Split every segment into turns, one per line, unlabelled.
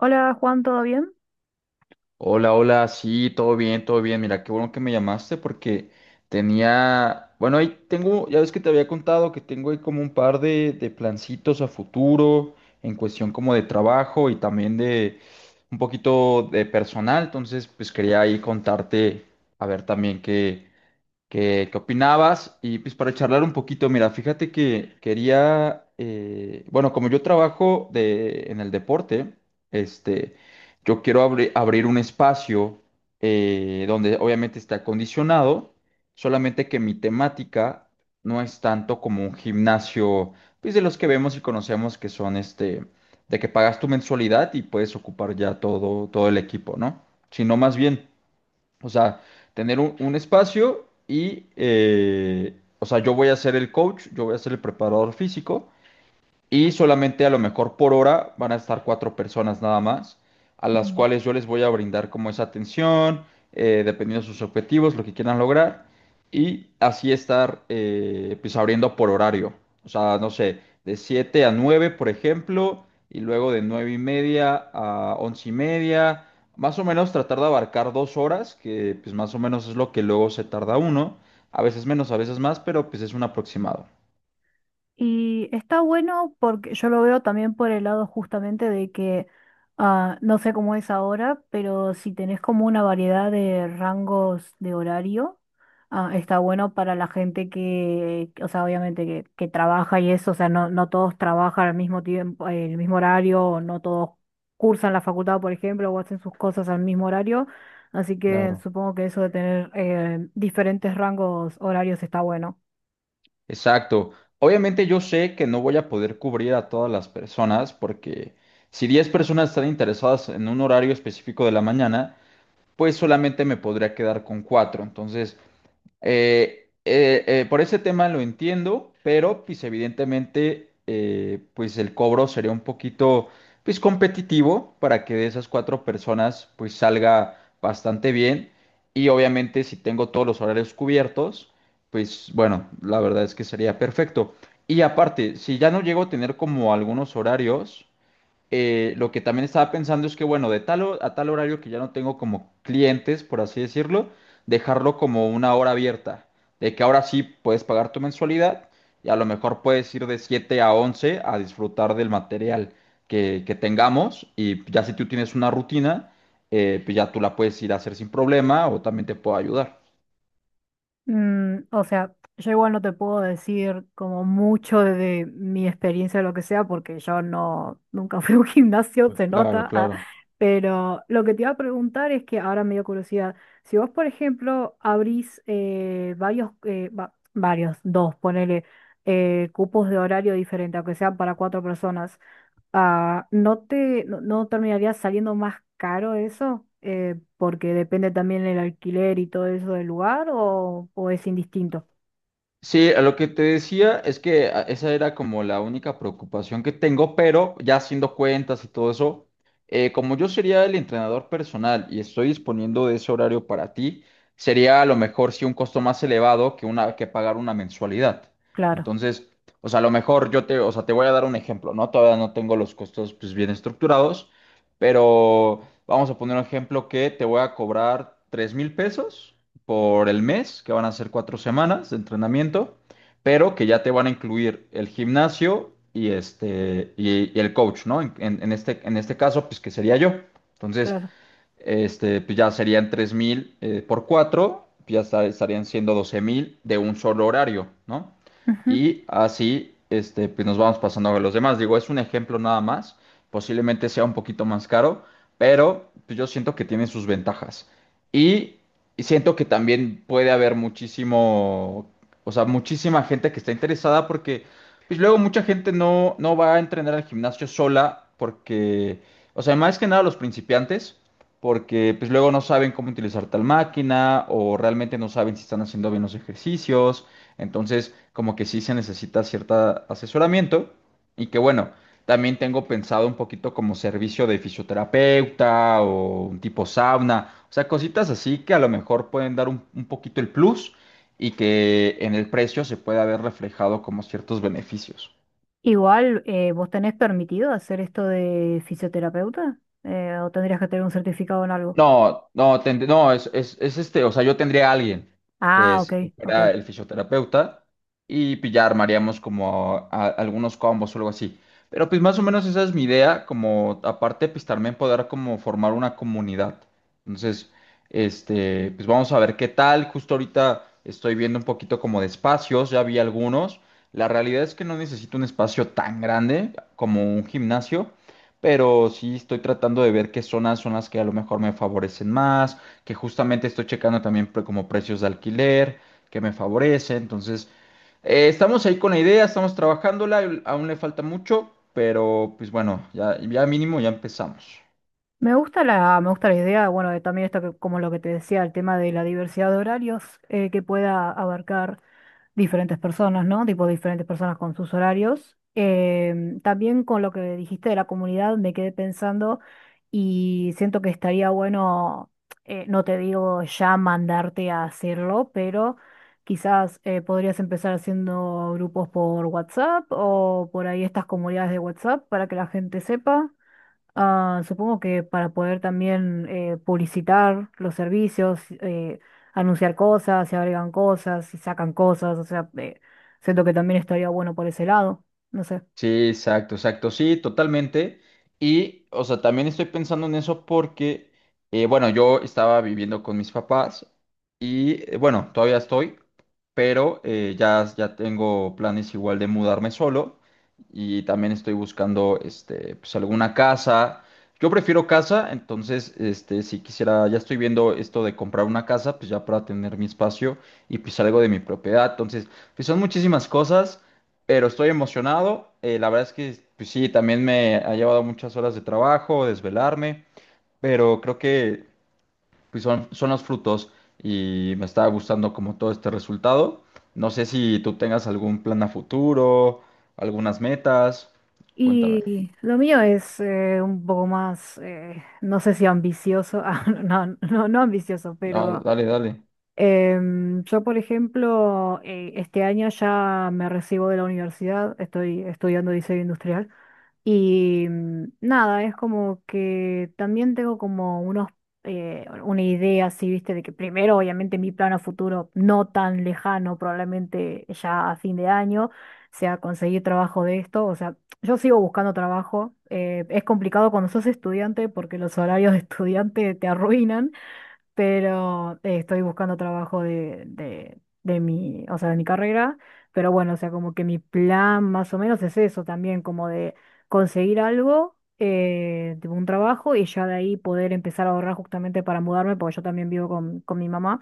Hola Juan, ¿todo bien?
Hola, hola, sí, todo bien, todo bien. Mira, qué bueno que me llamaste porque tenía, bueno, ahí tengo, ya ves que te había contado que tengo ahí como un par de plancitos a futuro en cuestión como de trabajo y también de un poquito de personal. Entonces, pues quería ahí contarte, a ver también qué opinabas. Y pues para charlar un poquito, mira, fíjate que quería, bueno, como yo trabajo en el deporte, este, yo quiero abrir un espacio, donde obviamente esté acondicionado, solamente que mi temática no es tanto como un gimnasio, pues de los que vemos y conocemos que son este, de que pagas tu mensualidad y puedes ocupar ya todo el equipo, ¿no? Sino más bien. O sea, tener un espacio y, o sea, yo voy a ser el coach, yo voy a ser el preparador físico y solamente a lo mejor por hora van a estar cuatro personas nada más, a las
Mm.
cuales yo les voy a brindar como esa atención, dependiendo de sus objetivos, lo que quieran lograr, y así estar pues abriendo por horario. O sea, no sé, de 7 a 9 por ejemplo, y luego de 9 y media a 11 y media, más o menos tratar de abarcar 2 horas, que pues más o menos es lo que luego se tarda uno, a veces menos, a veces más, pero pues es un aproximado.
Y está bueno porque yo lo veo también por el lado justamente de que no sé cómo es ahora, pero si tenés como una variedad de rangos de horario, está bueno para la gente que, o sea, obviamente que trabaja y eso, o sea, no, no todos trabajan al mismo tiempo, el mismo horario, o no todos cursan la facultad, por ejemplo, o hacen sus cosas al mismo horario, así que
Claro.
supongo que eso de tener diferentes rangos horarios está bueno.
Exacto. Obviamente yo sé que no voy a poder cubrir a todas las personas porque si 10 personas están interesadas en un horario específico de la mañana, pues solamente me podría quedar con 4. Entonces, por ese tema lo entiendo, pero pues evidentemente, pues el cobro sería un poquito pues competitivo para que de esas cuatro personas pues salga bastante bien, y obviamente si tengo todos los horarios cubiertos, pues bueno, la verdad es que sería perfecto. Y aparte, si ya no llego a tener como algunos horarios, lo que también estaba pensando es que, bueno, de tal a tal horario que ya no tengo como clientes, por así decirlo, dejarlo como una hora abierta, de que ahora sí puedes pagar tu mensualidad y a lo mejor puedes ir de 7 a 11 a disfrutar del material que tengamos, y ya si tú tienes una rutina, pues ya tú la puedes ir a hacer sin problema, o también te puedo ayudar.
Mm, o sea, yo igual no te puedo decir como mucho de mi experiencia o lo que sea, porque yo no, nunca fui a un gimnasio, se
Claro,
nota, ah,
claro.
pero lo que te iba a preguntar es que ahora me dio curiosidad, si vos, por ejemplo, abrís varios, varios, dos, ponele, cupos de horario diferente, aunque sea para cuatro personas. Ah, ¿no te, no, no terminaría saliendo más caro eso? Porque depende también el alquiler y todo eso del lugar o es indistinto.
Sí, a lo que te decía es que esa era como la única preocupación que tengo, pero ya haciendo cuentas y todo eso, como yo sería el entrenador personal y estoy disponiendo de ese horario para ti, sería a lo mejor sí un costo más elevado que una que pagar una mensualidad.
Claro,
Entonces, o sea, a lo mejor yo te, o sea, te voy a dar un ejemplo, ¿no? Todavía no tengo los costos pues bien estructurados, pero vamos a poner un ejemplo que te voy a cobrar 3.000 pesos por el mes, que van a ser 4 semanas de entrenamiento, pero que ya te van a incluir el gimnasio y este y el coach, ¿no? En este caso, pues que sería yo. Entonces,
claro.
este, pues ya serían 3.000, por 4 pues ya estarían siendo 12.000 de un solo horario, ¿no?
Ujú.
Y así, este, pues nos vamos pasando a los demás. Digo, es un ejemplo nada más, posiblemente sea un poquito más caro, pero pues yo siento que tiene sus ventajas. Y y siento que también puede haber muchísimo, o sea, muchísima gente que está interesada porque pues luego mucha gente no va a entrenar al gimnasio sola porque, o sea, más que nada los principiantes, porque pues luego no saben cómo utilizar tal máquina o realmente no saben si están haciendo bien los ejercicios. Entonces, como que sí se necesita cierto asesoramiento. Y que bueno, también tengo pensado un poquito como servicio de fisioterapeuta o un tipo sauna, o sea, cositas así que a lo mejor pueden dar un poquito el plus, y que en el precio se pueda ver reflejado como ciertos beneficios.
Igual, ¿vos tenés permitido hacer esto de fisioterapeuta? ¿O tendrías que tener un certificado en algo?
No, no, no, es este, o sea, yo tendría a alguien
Ah, ok,
que
ok.
fuera el fisioterapeuta, y pillar, ya armaríamos como algunos combos o algo así. Pero pues más o menos esa es mi idea, como aparte pues también poder como formar una comunidad. Entonces, este, pues vamos a ver qué tal. Justo ahorita estoy viendo un poquito como de espacios, ya vi algunos. La realidad es que no necesito un espacio tan grande como un gimnasio, pero sí estoy tratando de ver qué zonas son las que a lo mejor me favorecen más, que justamente estoy checando también como precios de alquiler que me favorecen. Entonces, estamos ahí con la idea, estamos trabajándola, aún le falta mucho, pero pues bueno, ya mínimo ya empezamos.
Me gusta me gusta la idea, bueno, de también esto que, como lo que te decía, el tema de la diversidad de horarios, que pueda abarcar diferentes personas, ¿no? Tipo diferentes personas con sus horarios. También con lo que dijiste de la comunidad me quedé pensando y siento que estaría bueno, no te digo ya mandarte a hacerlo, pero quizás podrías empezar haciendo grupos por WhatsApp o por ahí estas comunidades de WhatsApp para que la gente sepa. Ah, supongo que para poder también publicitar los servicios, anunciar cosas, se agregan cosas, se sacan cosas, o sea, siento que también estaría bueno por ese lado, no sé.
Sí, exacto, exacto, sí, totalmente. Y, o sea, también estoy pensando en eso porque, bueno, yo estaba viviendo con mis papás y, bueno, todavía estoy, pero ya tengo planes igual de mudarme solo, y también estoy buscando, este, pues alguna casa. Yo prefiero casa, entonces, este, si quisiera, ya estoy viendo esto de comprar una casa, pues ya para tener mi espacio y pues algo de mi propiedad. Entonces, pues son muchísimas cosas, pero estoy emocionado. La verdad es que pues sí, también me ha llevado muchas horas de trabajo, desvelarme, pero creo que pues son los frutos y me está gustando como todo este resultado. No sé si tú tengas algún plan a futuro, algunas metas. Cuéntame.
Y lo mío es un poco más, no sé si ambicioso, ah, no, no, no ambicioso,
No,
pero
dale, dale.
yo, por ejemplo, este año ya me recibo de la universidad, estoy estudiando diseño industrial. Y mm, nada, es como que también tengo como unos, una idea así, viste, de que primero, obviamente, mi plan a futuro no tan lejano, probablemente ya a fin de año, sea conseguir trabajo de esto. O sea, yo sigo buscando trabajo. Eh, es complicado cuando sos estudiante porque los horarios de estudiante te arruinan, pero estoy buscando trabajo de mi, o sea, de mi carrera, pero bueno, o sea, como que mi plan más o menos es eso también, como de conseguir algo, tipo un trabajo y ya de ahí poder empezar a ahorrar justamente para mudarme, porque yo también vivo con mi mamá,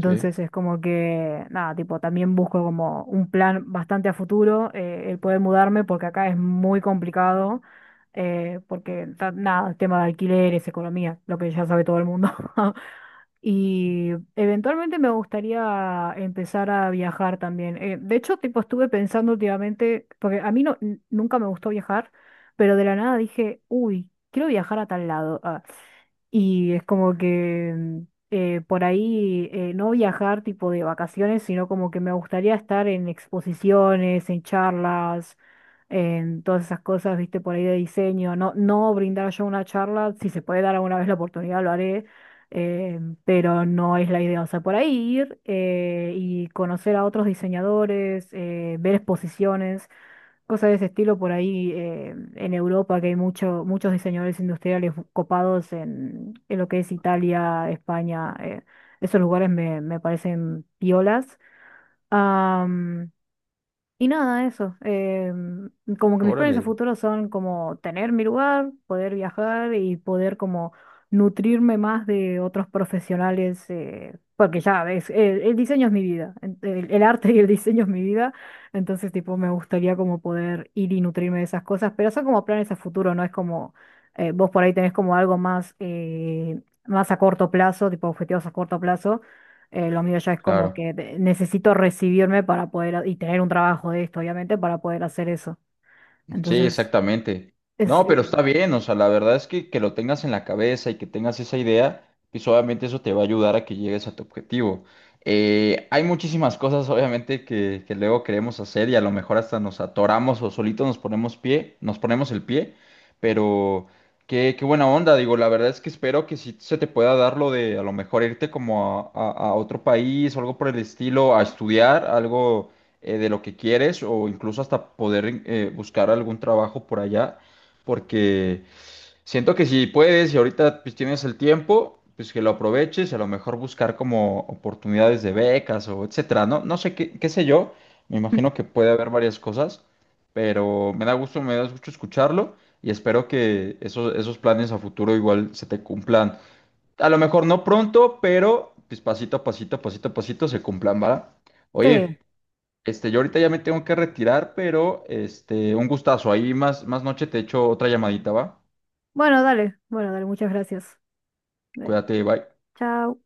Sí,
es como que, nada, tipo, también busco como un plan bastante a futuro, el poder mudarme, porque acá es muy complicado. Porque nada, el tema de alquileres, economía, lo que ya sabe todo el mundo. Y eventualmente me gustaría empezar a viajar también. De hecho, tipo, estuve pensando últimamente, porque a mí no, nunca me gustó viajar, pero de la nada dije, uy, quiero viajar a tal lado. Ah, y es como que mm, por ahí no viajar tipo de vacaciones, sino como que me gustaría estar en exposiciones, en charlas, en todas esas cosas, viste, por ahí de diseño. No, no brindar yo una charla, si se puede dar alguna vez la oportunidad, lo haré, eh, pero no es la idea. O sea, por ahí ir y conocer a otros diseñadores, ver exposiciones, cosas de ese estilo por ahí en Europa, que hay mucho, muchos diseñadores industriales copados en lo que es Italia, España, esos lugares me parecen piolas. Y nada, eso. Como que mis planes a
órale,
futuro son como tener mi lugar, poder viajar y poder como nutrirme más de otros profesionales, porque ya ves, el diseño es mi vida, el arte y el diseño es mi vida, entonces tipo me gustaría como poder ir y nutrirme de esas cosas, pero son como planes a futuro, no es como vos por ahí tenés como algo más, más a corto plazo, tipo objetivos a corto plazo. Lo mío ya es como
claro.
que necesito recibirme para poder y tener un trabajo de esto, obviamente, para poder hacer eso.
Sí,
Entonces,
exactamente.
es,
No, pero está bien, o sea, la verdad es que, lo tengas en la cabeza y que tengas esa idea, pues obviamente eso te va a ayudar a que llegues a tu objetivo. Hay muchísimas cosas, obviamente, que luego queremos hacer y a lo mejor hasta nos atoramos o solitos nos ponemos el pie, pero qué buena onda, digo, la verdad es que espero que sí se te pueda dar lo de a lo mejor irte como a otro país o algo por el estilo, a estudiar algo, de lo que quieres, o incluso hasta poder, buscar algún trabajo por allá, porque siento que si puedes y ahorita pues tienes el tiempo, pues que lo aproveches, y a lo mejor buscar como oportunidades de becas o etcétera, ¿no? No sé qué, qué sé yo, me imagino que puede haber varias cosas, pero me da gusto escucharlo. Y espero que esos planes a futuro igual se te cumplan. A lo mejor no pronto, pero pues pasito a pasito se cumplan, ¿va?
sí.
Oye, este, yo ahorita ya me tengo que retirar, pero este, un gustazo. Ahí más noche te echo otra llamadita, ¿va?
Bueno, dale. Bueno, dale, muchas gracias. Dale.
Cuídate, bye.
Chao.